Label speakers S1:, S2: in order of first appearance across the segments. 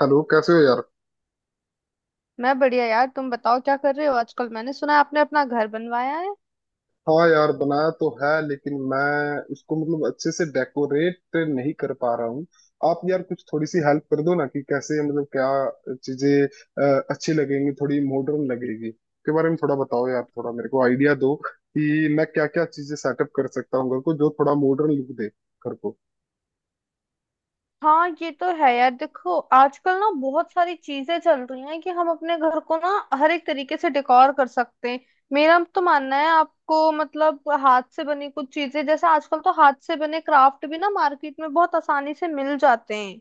S1: Hello, कैसे हो यार?
S2: मैं बढ़िया यार। तुम बताओ क्या कर रहे हो आजकल। मैंने सुना है आपने अपना घर बनवाया है।
S1: हाँ यार, बनाया तो है, लेकिन मैं उसको मतलब अच्छे से डेकोरेट नहीं कर पा रहा हूँ। आप यार कुछ थोड़ी सी हेल्प कर दो ना, कि कैसे मतलब क्या चीजें अच्छी लगेंगी, थोड़ी मॉडर्न लगेगी के बारे में थोड़ा बताओ यार। थोड़ा मेरे को आइडिया दो कि मैं क्या क्या चीजें सेटअप कर सकता हूँ घर को, जो थोड़ा मॉडर्न लुक दे घर को।
S2: हाँ ये तो है यार। देखो आजकल ना बहुत सारी चीजें चल रही हैं कि हम अपने घर को ना हर एक तरीके से डेकोर कर सकते हैं। मेरा तो मानना है, आपको मतलब हाथ से बनी कुछ चीजें, जैसे आजकल तो हाथ से बने क्राफ्ट भी ना मार्केट में बहुत आसानी से मिल जाते हैं,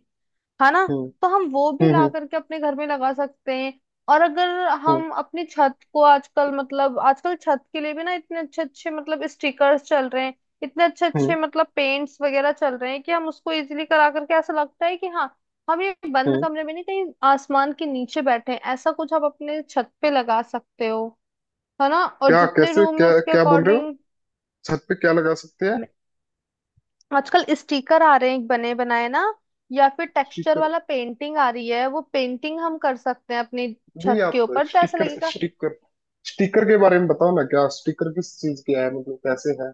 S2: है ना।
S1: हम्म।
S2: तो हम वो भी
S1: हम्म
S2: ला
S1: हम्म
S2: करके अपने घर में लगा सकते हैं। और अगर
S1: हम्म
S2: हम अपनी छत को आजकल मतलब आजकल छत के लिए भी ना इतने अच्छे अच्छे मतलब स्टिकर्स चल रहे हैं, इतने अच्छे
S1: हम्म
S2: अच्छे मतलब पेंट्स वगैरह चल रहे हैं, कि हम उसको इजीली करा करके ऐसा लगता है कि हाँ हम ये बंद
S1: हम्म।
S2: कमरे में नहीं, कहीं आसमान के नीचे बैठे हैं। ऐसा कुछ आप अपने छत पे लगा सकते हो, है ना। और
S1: क्या?
S2: जितने
S1: कैसे?
S2: रूम में
S1: क्या
S2: उसके
S1: क्या बोल रहे हो?
S2: अकॉर्डिंग
S1: छत पे क्या लगा सकते हैं?
S2: आजकल स्टिकर आ रहे हैं बने बनाए ना, या फिर टेक्सचर
S1: स्टिकर?
S2: वाला पेंटिंग आ रही है। वो पेंटिंग हम कर सकते हैं अपनी
S1: नहीं,
S2: छत के
S1: आप
S2: ऊपर, तो ऐसा
S1: स्टिकर
S2: लगेगा।
S1: स्टिकर स्टिकर के बारे में बताओ ना। क्या स्टिकर, किस चीज के है, मतलब कैसे है?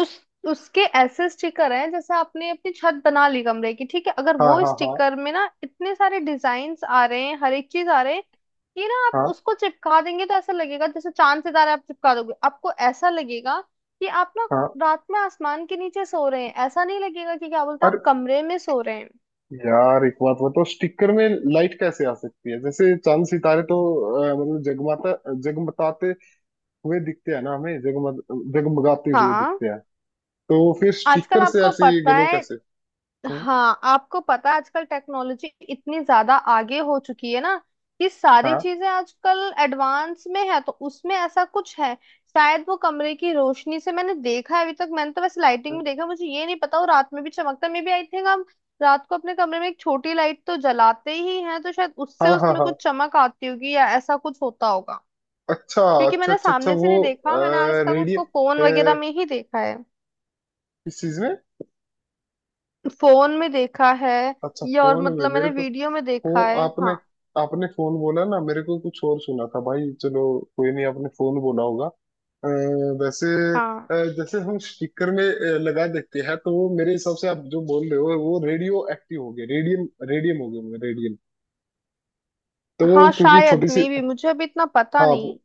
S2: उस उसके ऐसे स्टिकर हैं, जैसे आपने अपनी छत बना ली कमरे की, ठीक है। अगर
S1: हाँ
S2: वो
S1: हाँ हाँ
S2: स्टिकर में ना इतने सारे डिजाइन्स आ रहे हैं, हर एक चीज आ रहे हैं कि ना आप
S1: हाँ।
S2: उसको चिपका देंगे, तो ऐसा लगेगा जैसे चांद सितारे आप चिपका दोगे। आपको ऐसा लगेगा कि आप ना
S1: हाँ।
S2: रात में आसमान के नीचे सो रहे हैं। ऐसा नहीं लगेगा कि क्या बोलते हैं
S1: अरे
S2: आप कमरे में सो रहे हैं।
S1: यार, एक बात बताओ, स्टिकर में लाइट कैसे आ सकती है? जैसे चांद सितारे तो मतलब जगमाता जगमगाते हुए दिखते हैं ना हमें, जगमग जगमगाते हुए
S2: हाँ
S1: दिखते हैं। तो फिर
S2: आजकल
S1: स्टिकर से
S2: आपको
S1: ऐसी
S2: पता
S1: ग्लो
S2: है।
S1: कैसे? हम्म,
S2: हाँ आपको पता है आजकल टेक्नोलॉजी इतनी ज्यादा आगे हो चुकी है ना कि सारी
S1: हाँ
S2: चीजें आजकल एडवांस में है, तो उसमें ऐसा कुछ है। शायद वो कमरे की रोशनी से, मैंने देखा है अभी तक। मैंने तो वैसे लाइटिंग में देखा, मुझे ये नहीं पता वो रात में भी चमकता मे भी आई थिंक हम रात को अपने कमरे में एक छोटी लाइट तो जलाते ही हैं, तो शायद उससे
S1: हाँ हाँ।
S2: उसमें
S1: हाँ।
S2: कुछ चमक आती होगी, या ऐसा कुछ होता होगा।
S1: अच्छा
S2: क्योंकि
S1: अच्छा
S2: मैंने
S1: अच्छा अच्छा,
S2: सामने से
S1: वो
S2: नहीं देखा, मैंने आज तक
S1: रेडियो
S2: उसको फोन वगैरह
S1: किस
S2: में ही देखा है।
S1: चीज में?
S2: फोन में देखा है,
S1: अच्छा,
S2: या और
S1: फोन में
S2: मतलब
S1: मेरे
S2: मैंने
S1: को।
S2: वीडियो में देखा
S1: और
S2: है
S1: आपने
S2: हाँ।
S1: आपने फोन बोला ना? मेरे को कुछ और सुना था भाई। चलो, कोई नहीं, आपने फोन बोला होगा। अ, वैसे
S2: हाँ
S1: जैसे हम स्टिकर में लगा देते हैं, तो वो मेरे हिसाब से आप जो बोल रहे हो वो रेडियो एक्टिव हो गए, रेडियम, रेडियम हो गए, रेडियम। तो वो
S2: हाँ
S1: क्योंकि
S2: शायद
S1: छोटी सी
S2: मे भी, मुझे अभी इतना पता
S1: हाँ,
S2: नहीं।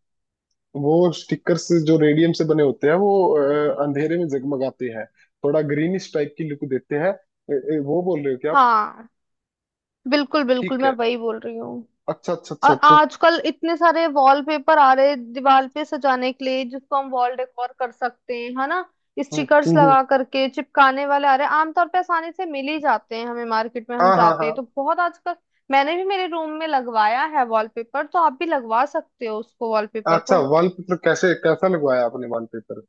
S1: वो स्टिकर्स जो रेडियम से बने होते हैं वो अंधेरे में जगमगाते हैं, थोड़ा ग्रीनिश टाइप की लुक देते हैं। वो बोल रहे हो क्या आप?
S2: हाँ बिल्कुल बिल्कुल,
S1: ठीक
S2: मैं
S1: है।
S2: वही बोल रही हूँ।
S1: अच्छा अच्छा अच्छा
S2: और
S1: अच्छा।
S2: आजकल इतने सारे वॉलपेपर आ रहे हैं दीवार पे सजाने के लिए, जिसको हम वॉल डेकोर कर सकते हैं, है ना।
S1: हम्म,
S2: स्टिकर्स
S1: हम्म, हम्म।
S2: लगा करके चिपकाने वाले आ रहे हैं, आमतौर पे आसानी से मिल ही जाते हैं हमें मार्केट में, हम
S1: हाँ हाँ
S2: जाते
S1: हाँ।
S2: हैं तो बहुत आजकल। मैंने भी मेरे रूम में लगवाया है वॉलपेपर, तो आप भी लगवा सकते हो उसको, वॉलपेपर
S1: अच्छा,
S2: को।
S1: वॉलपेपर कैसे, कैसा लगवाया आपने वॉलपेपर?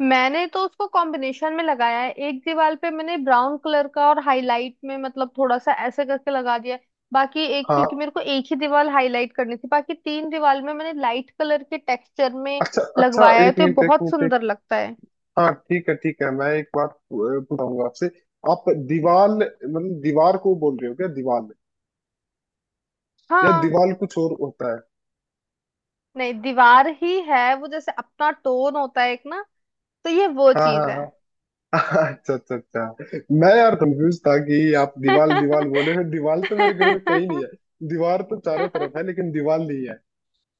S2: मैंने तो उसको कॉम्बिनेशन में लगाया है, एक दीवार पे मैंने ब्राउन कलर का और हाईलाइट में मतलब थोड़ा सा ऐसे करके लगा दिया है। बाकी एक, क्योंकि
S1: हाँ,
S2: मेरे को एक ही दीवार हाईलाइट करनी थी, बाकी तीन दीवार में मैंने लाइट कलर के टेक्सचर में
S1: अच्छा अच्छा,
S2: लगवाया है,
S1: एक
S2: तो ये
S1: मिनट एक
S2: बहुत
S1: मिनट एक,
S2: सुंदर लगता है।
S1: हाँ ठीक है ठीक है। मैं एक बात पूछूंगा आपसे। आप दीवार मतलब दीवार को बोल रहे हो क्या, दीवार? या
S2: हाँ।
S1: दीवार कुछ और होता है?
S2: नहीं, दीवार ही है वो, जैसे अपना टोन होता है एक ना, तो ये वो
S1: हाँ हाँ
S2: चीज
S1: हाँ। अच्छा अच्छा अच्छा, मैं यार कंफ्यूज था कि आप दीवार दीवार बोले हो। दीवार तो मेरे घर में कहीं
S2: है।
S1: नहीं है, दीवार तो चारों तरफ है, लेकिन दीवार नहीं है।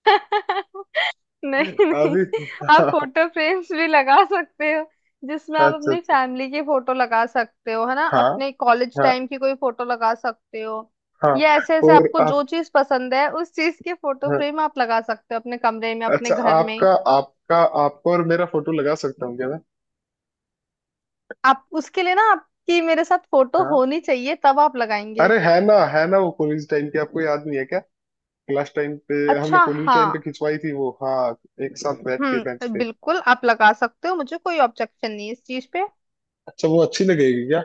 S2: नहीं नहीं।
S1: अभी
S2: आप
S1: हाँ।
S2: फोटो फ्रेम्स भी लगा सकते हो, जिसमें आप
S1: अच्छा
S2: अपनी
S1: अच्छा।
S2: फैमिली की फोटो लगा सकते हो, है ना।
S1: हाँ
S2: अपने कॉलेज
S1: हाँ
S2: टाइम की कोई फोटो लगा सकते हो,
S1: हाँ।
S2: या ऐसे ऐसे
S1: और
S2: आपको
S1: आप,
S2: जो चीज पसंद है उस चीज के फोटो
S1: हाँ,
S2: फ्रेम आप लगा सकते हो अपने कमरे में, अपने
S1: अच्छा,
S2: घर में।
S1: आपका आपका, आपको और मेरा फोटो लगा सकता हूँ क्या मैं?
S2: आप उसके लिए ना, आपकी मेरे साथ फोटो
S1: हाँ,
S2: होनी चाहिए, तब आप लगाएंगे।
S1: अरे है ना, है ना, वो कॉलेज टाइम की आपको याद नहीं है क्या? क्लास टाइम पे हमने,
S2: अच्छा।
S1: कॉलेज
S2: हाँ।
S1: टाइम पे खिंचवाई थी वो, हाँ। एक साथ बैठ के बेंच पे।
S2: बिल्कुल, आप लगा सकते हो, मुझे कोई ऑब्जेक्शन नहीं है इस चीज पे।
S1: अच्छा, वो अच्छी लगेगी क्या?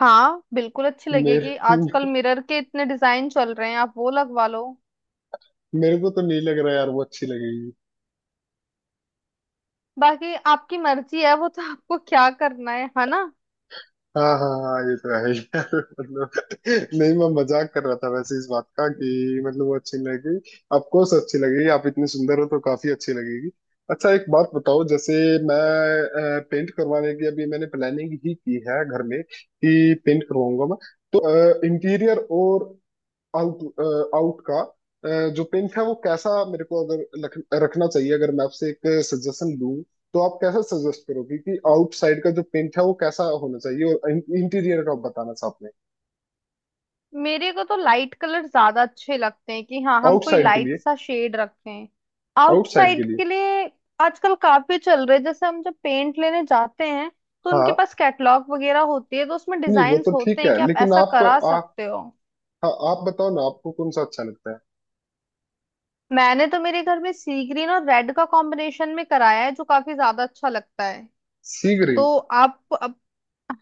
S2: हाँ बिल्कुल अच्छी लगेगी,
S1: मेरे
S2: आजकल मिरर के इतने डिजाइन चल रहे हैं, आप वो लगवा लो।
S1: मेरे को तो नहीं लग रहा यार वो अच्छी लगेगी।
S2: बाकी आपकी मर्जी है, वो तो आपको क्या करना है ना।
S1: हाँ हाँ हाँ, ये तो है यार। मतलब नहीं, मैं मजाक कर रहा था वैसे, इस बात का कि मतलब वो अच्छी नहीं लगी। ऑफकोर्स अच्छी लगेगी, आप इतनी सुंदर हो तो काफी अच्छी लगेगी। अच्छा एक बात बताओ, जैसे मैं पेंट करवाने की अभी मैंने प्लानिंग ही की है घर में कि पेंट करवाऊंगा मैं। तो इंटीरियर और आउट आउट का, अ, जो पिंक है वो कैसा मेरे को अगर रखना चाहिए। अगर मैं आपसे एक सजेशन दूं तो आप कैसा सजेस्ट करोगे कि आउटसाइड का जो पेंट है वो कैसा होना चाहिए, और इंटीरियर का आप बताना था आपने।
S2: मेरे को तो लाइट कलर ज्यादा अच्छे लगते हैं, कि हाँ हम कोई
S1: आउटसाइड के
S2: लाइट
S1: लिए?
S2: सा शेड रखें।
S1: आउटसाइड के
S2: आउटसाइड
S1: लिए
S2: के लिए आजकल काफी चल रहे हैं, जैसे हम जब पेंट लेने जाते हैं तो उनके
S1: हाँ।
S2: पास कैटलॉग वगैरह होती है, तो उसमें
S1: नहीं, वो
S2: डिजाइन
S1: तो
S2: होते
S1: ठीक
S2: हैं
S1: है,
S2: कि आप
S1: लेकिन
S2: ऐसा
S1: आप
S2: करा सकते हो।
S1: हाँ, आप बताओ ना, आपको कौन सा अच्छा लगता है?
S2: मैंने तो मेरे घर में सी ग्रीन और रेड का कॉम्बिनेशन में कराया है, जो काफी ज्यादा अच्छा लगता है।
S1: सी ग्रीन?
S2: तो आप अब,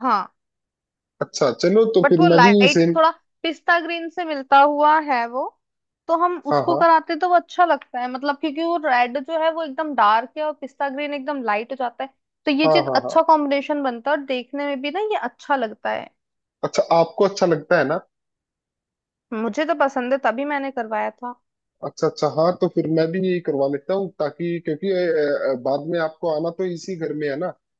S2: हाँ।
S1: अच्छा, चलो, तो
S2: बट
S1: फिर
S2: वो
S1: मैं भी
S2: लाइट
S1: सेम।
S2: थोड़ा पिस्ता ग्रीन से मिलता हुआ है वो, तो हम
S1: हाँ
S2: उसको
S1: हाँ
S2: कराते तो वो अच्छा लगता है। मतलब क्योंकि वो रेड जो है वो एकदम डार्क है, और पिस्ता ग्रीन एकदम लाइट हो जाता है, तो ये
S1: हाँ।
S2: चीज
S1: हाँ हाँ।
S2: अच्छा कॉम्बिनेशन बनता है, और देखने में भी ना ये अच्छा लगता है।
S1: अच्छा, आपको अच्छा लगता है ना?
S2: मुझे तो पसंद है, तभी मैंने करवाया था।
S1: अच्छा अच्छा, हाँ, तो फिर मैं भी यही करवा लेता हूँ। ताकि क्योंकि बाद में आपको आना तो इसी घर में है ना, अ,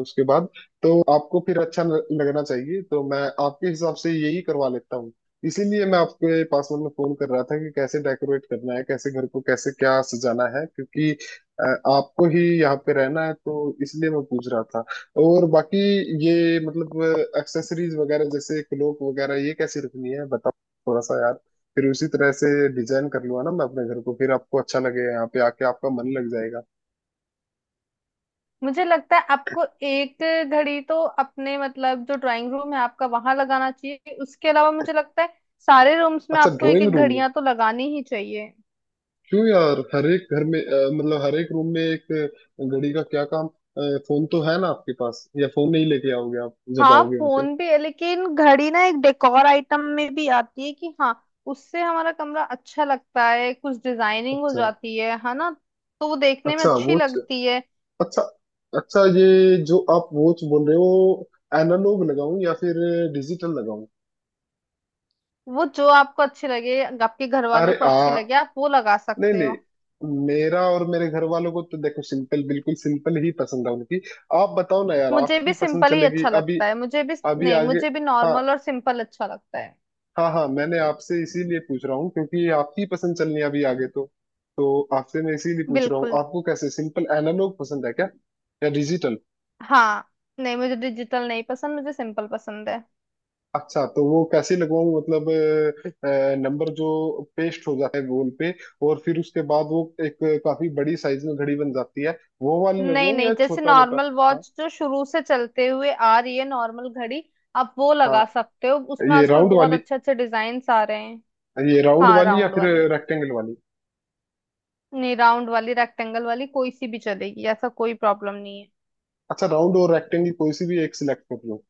S1: उसके बाद। तो आपको फिर अच्छा लगना चाहिए, तो मैं आपके हिसाब से यही करवा लेता हूँ। इसीलिए मैं आपके पास मतलब फोन कर रहा था कि कैसे डेकोरेट करना है, कैसे घर को, कैसे क्या सजाना है। क्योंकि अ, आपको ही यहाँ पे रहना है, तो इसलिए मैं पूछ रहा था। और बाकी ये मतलब एक्सेसरीज वगैरह जैसे क्लोक वगैरह ये कैसे रखनी है बताओ थोड़ा सा यार। फिर उसी तरह से डिजाइन कर लूंगा ना मैं अपने घर को, फिर आपको अच्छा लगेगा यहाँ पे आके, आपका मन लग जाएगा।
S2: मुझे लगता है आपको एक घड़ी तो अपने मतलब जो ड्राइंग रूम है आपका, वहां लगाना चाहिए। उसके अलावा मुझे लगता है सारे रूम्स में
S1: अच्छा
S2: आपको एक
S1: ड्राइंग
S2: एक
S1: रूम?
S2: घड़ियां तो लगानी ही चाहिए।
S1: क्यों यार, हर एक घर में मतलब हर एक रूम में एक घड़ी का क्या काम? फोन तो है ना आपके पास, या फोन नहीं लेके आओगे आप जब
S2: हाँ
S1: आओगे यहाँ पे?
S2: फोन भी है, लेकिन घड़ी ना एक डेकोर आइटम में भी आती है, कि हाँ उससे हमारा कमरा अच्छा लगता है, कुछ डिजाइनिंग हो
S1: अच्छा,
S2: जाती है ना। तो वो देखने में
S1: अच्छा
S2: अच्छी
S1: वॉच,
S2: लगती है।
S1: अच्छा अच्छा। ये जो आप वॉच बोल रहे हो, एनालॉग लगाऊं या फिर डिजिटल लगाऊं?
S2: वो जो आपको अच्छी लगे, आपके घर वालों
S1: अरे
S2: को
S1: आ
S2: अच्छी लगे, आप वो लगा
S1: नहीं
S2: सकते हो।
S1: नहीं, मेरा और मेरे घर वालों को तो देखो सिंपल, बिल्कुल सिंपल ही पसंद है उनकी। आप बताओ ना यार,
S2: मुझे
S1: आपकी
S2: भी
S1: पसंद
S2: सिंपल ही
S1: चलेगी
S2: अच्छा
S1: अभी,
S2: लगता है, मुझे भी।
S1: अभी
S2: नहीं,
S1: आगे।
S2: मुझे भी
S1: हाँ
S2: नॉर्मल और सिंपल अच्छा लगता है।
S1: हाँ हाँ, मैंने आपसे इसीलिए पूछ रहा हूँ क्योंकि आपकी पसंद चलनी है अभी आगे। तो आपसे मैं इसीलिए पूछ रहा हूँ,
S2: बिल्कुल।
S1: आपको कैसे, सिंपल एनालॉग पसंद है क्या या डिजिटल?
S2: हाँ। नहीं मुझे डिजिटल नहीं पसंद, मुझे सिंपल पसंद है।
S1: अच्छा, तो वो कैसे लगवाऊं? मतलब नंबर जो पेस्ट हो जाता है गोल पे, और फिर उसके बाद वो एक काफी बड़ी साइज में घड़ी बन जाती है, वो वाली
S2: नहीं
S1: लगवाऊं या
S2: नहीं, जैसे
S1: छोटा मोटा?
S2: नॉर्मल
S1: हाँ
S2: वॉच जो शुरू से चलते हुए आ रही है, नॉर्मल घड़ी, आप वो
S1: हाँ।
S2: लगा सकते हो। उसमें
S1: ये
S2: आजकल
S1: राउंड
S2: बहुत
S1: वाली,
S2: अच्छे अच्छे डिजाइन्स आ रहे हैं।
S1: ये राउंड
S2: हाँ,
S1: वाली या
S2: राउंड
S1: फिर
S2: वाली।
S1: रेक्टेंगल वाली?
S2: नहीं, राउंड वाली, रेक्टेंगल वाली, कोई सी भी चलेगी, ऐसा कोई प्रॉब्लम नहीं है।
S1: अच्छा, राउंड और रेक्टेंगल कोई सी भी एक सिलेक्ट कर,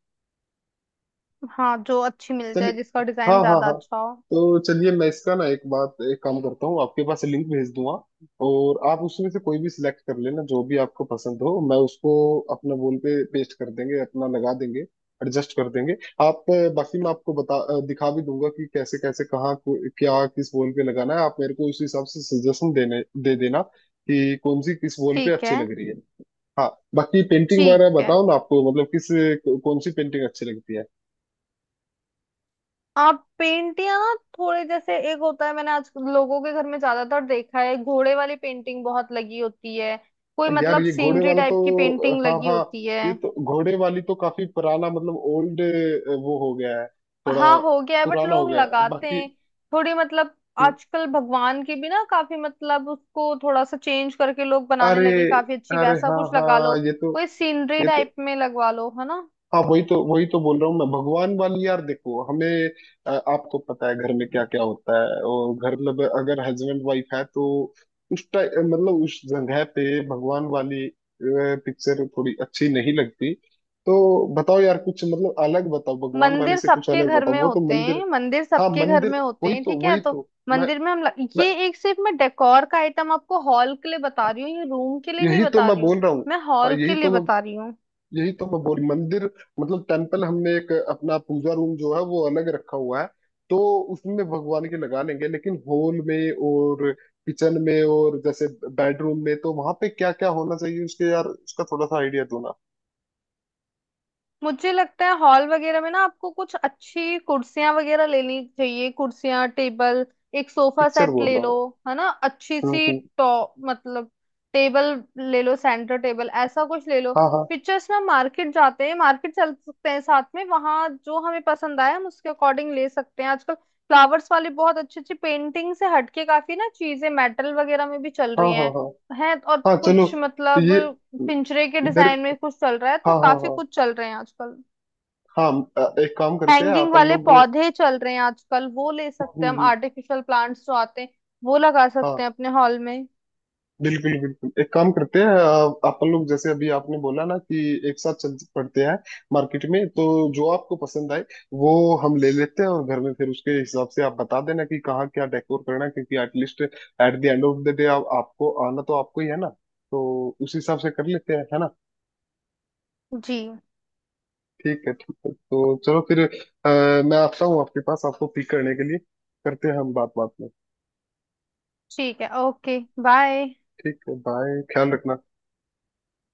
S2: हाँ, जो अच्छी मिल जाए,
S1: चलिए।
S2: जिसका
S1: हाँ
S2: डिजाइन
S1: हाँ
S2: ज्यादा
S1: हाँ।
S2: अच्छा हो।
S1: तो चलिए, मैं इसका ना एक बात, एक काम करता हूँ, आपके पास लिंक भेज दूंगा और आप उसमें से कोई भी सिलेक्ट कर लेना जो भी आपको पसंद हो, मैं उसको अपना वॉल पे पेस्ट कर देंगे, अपना लगा देंगे, एडजस्ट कर देंगे। आप बाकी मैं आपको दिखा भी दूंगा कि कैसे कैसे कहाँ क्या किस वॉल पे लगाना है। आप मेरे को उस हिसाब से सजेशन देने दे देना कि कौन सी किस वॉल पे
S2: ठीक
S1: अच्छी
S2: है
S1: लग रही है। हाँ। बाकी पेंटिंग
S2: ठीक
S1: वगैरह
S2: है।
S1: बताओ ना आपको मतलब किस कौन सी पेंटिंग अच्छी लगती है?
S2: आप पेंटियां ना थोड़े, जैसे एक होता है, मैंने आज लोगों के घर में ज्यादातर देखा है घोड़े वाली पेंटिंग बहुत लगी होती है, कोई
S1: यार
S2: मतलब
S1: ये घोड़े
S2: सीनरी
S1: वाला
S2: टाइप की
S1: तो,
S2: पेंटिंग
S1: हाँ
S2: लगी
S1: हाँ,
S2: होती है।
S1: ये तो घोड़े वाली तो काफी पुराना मतलब ओल्ड वो हो गया है थोड़ा,
S2: हाँ हो गया है, बट
S1: पुराना हो
S2: लोग
S1: गया है।
S2: लगाते
S1: बाकी
S2: हैं। थोड़ी मतलब आजकल भगवान की भी ना काफी, मतलब उसको थोड़ा सा चेंज करके लोग बनाने
S1: अरे,
S2: लगे काफी अच्छी, वैसा
S1: हाँ
S2: कुछ लगा
S1: हाँ,
S2: लो,
S1: ये तो,
S2: कोई सीनरी
S1: ये तो,
S2: टाइप में लगवा लो, है ना।
S1: हाँ वही तो, बोल रहा हूँ मैं, भगवान वाली। यार देखो हमें, आपको पता है घर में क्या क्या होता है, और घर में अगर हस्बैंड वाइफ है तो उस टाइम मतलब उस जगह पे भगवान वाली पिक्चर थोड़ी अच्छी नहीं लगती। तो बताओ यार कुछ मतलब अलग बताओ, भगवान वाली
S2: मंदिर
S1: से कुछ
S2: सबके
S1: अलग
S2: घर
S1: बताओ,
S2: में
S1: वो तो
S2: होते
S1: मंदिर।
S2: हैं, मंदिर
S1: हाँ
S2: सबके घर
S1: मंदिर,
S2: में होते
S1: वही
S2: हैं,
S1: तो,
S2: ठीक है।
S1: वही
S2: तो
S1: तो मैं
S2: मंदिर में हम लग...
S1: मैं
S2: ये एक सिर्फ मैं डेकोर का आइटम आपको हॉल के लिए बता रही हूँ, ये रूम के लिए नहीं
S1: यही तो
S2: बता
S1: मैं
S2: रही हूँ।
S1: बोल रहा हूँ।
S2: मैं
S1: हाँ
S2: हॉल के
S1: यही
S2: लिए
S1: तो मैं,
S2: बता रही हूँ।
S1: बोल, मंदिर मतलब टेम्पल, हमने एक अपना पूजा रूम जो है वो अलग रखा हुआ है, तो उसमें भगवान के लगा लेंगे। लेकिन हॉल में, और किचन में, और जैसे बेडरूम में, तो वहां पे क्या क्या होना चाहिए उसके, यार उसका थोड़ा सा आइडिया दो ना।
S2: मुझे लगता है हॉल वगैरह में ना आपको कुछ अच्छी कुर्सियां वगैरह लेनी चाहिए, कुर्सियां, टेबल, एक सोफा
S1: पिक्चर
S2: सेट
S1: बोल
S2: ले
S1: रहा
S2: लो,
S1: हूँ।
S2: है ना, अच्छी
S1: हम्म,
S2: सी।
S1: हम्म,
S2: टॉप मतलब टेबल ले लो, सेंटर टेबल ऐसा कुछ ले लो।
S1: हाँ हाँ
S2: पिक्चर्स में मार्केट जाते हैं, मार्केट चल सकते हैं साथ में, वहां जो हमें पसंद आए हम उसके अकॉर्डिंग ले सकते हैं। आजकल फ्लावर्स वाली बहुत अच्छी अच्छी पेंटिंग से हटके काफी ना चीजें मेटल वगैरह में भी चल
S1: हाँ।
S2: रही
S1: हाँ
S2: हैं,
S1: हाँ।
S2: है, और
S1: हाँ चलो,
S2: कुछ
S1: ये,
S2: मतलब पिंजरे के
S1: मेरे,
S2: डिजाइन में कुछ चल रहा है, तो
S1: हाँ हाँ
S2: काफी
S1: हाँ।
S2: कुछ चल रहे हैं आजकल।
S1: हाँ, एक काम करते हैं
S2: हैंगिंग
S1: अपन
S2: वाले
S1: लोग।
S2: पौधे चल रहे हैं आजकल, वो ले
S1: हम्म,
S2: सकते हैं
S1: हम्म,
S2: हम,
S1: हम्म,
S2: आर्टिफिशियल प्लांट्स जो आते हैं वो लगा सकते
S1: हाँ
S2: हैं अपने हॉल में।
S1: बिल्कुल बिल्कुल, एक काम करते हैं आप अपन लोग, जैसे अभी आपने बोला ना कि एक साथ चल पड़ते हैं मार्केट में, तो जो आपको पसंद आए वो हम ले लेते हैं, और घर में फिर उसके हिसाब से आप बता देना कि कहाँ क्या डेकोर करना है। क्योंकि at least at the end of the day आपको आना तो आपको ही है ना, तो उस हिसाब से कर लेते हैं है ना?
S2: जी।
S1: ठीक है ठीक है, तो चलो फिर मैं आता हूँ आपके पास आपको पिक करने के लिए। करते हैं हम बात, बात में।
S2: ठीक है, ओके, बाय।
S1: ठीक है, बाय, ख्याल रखना।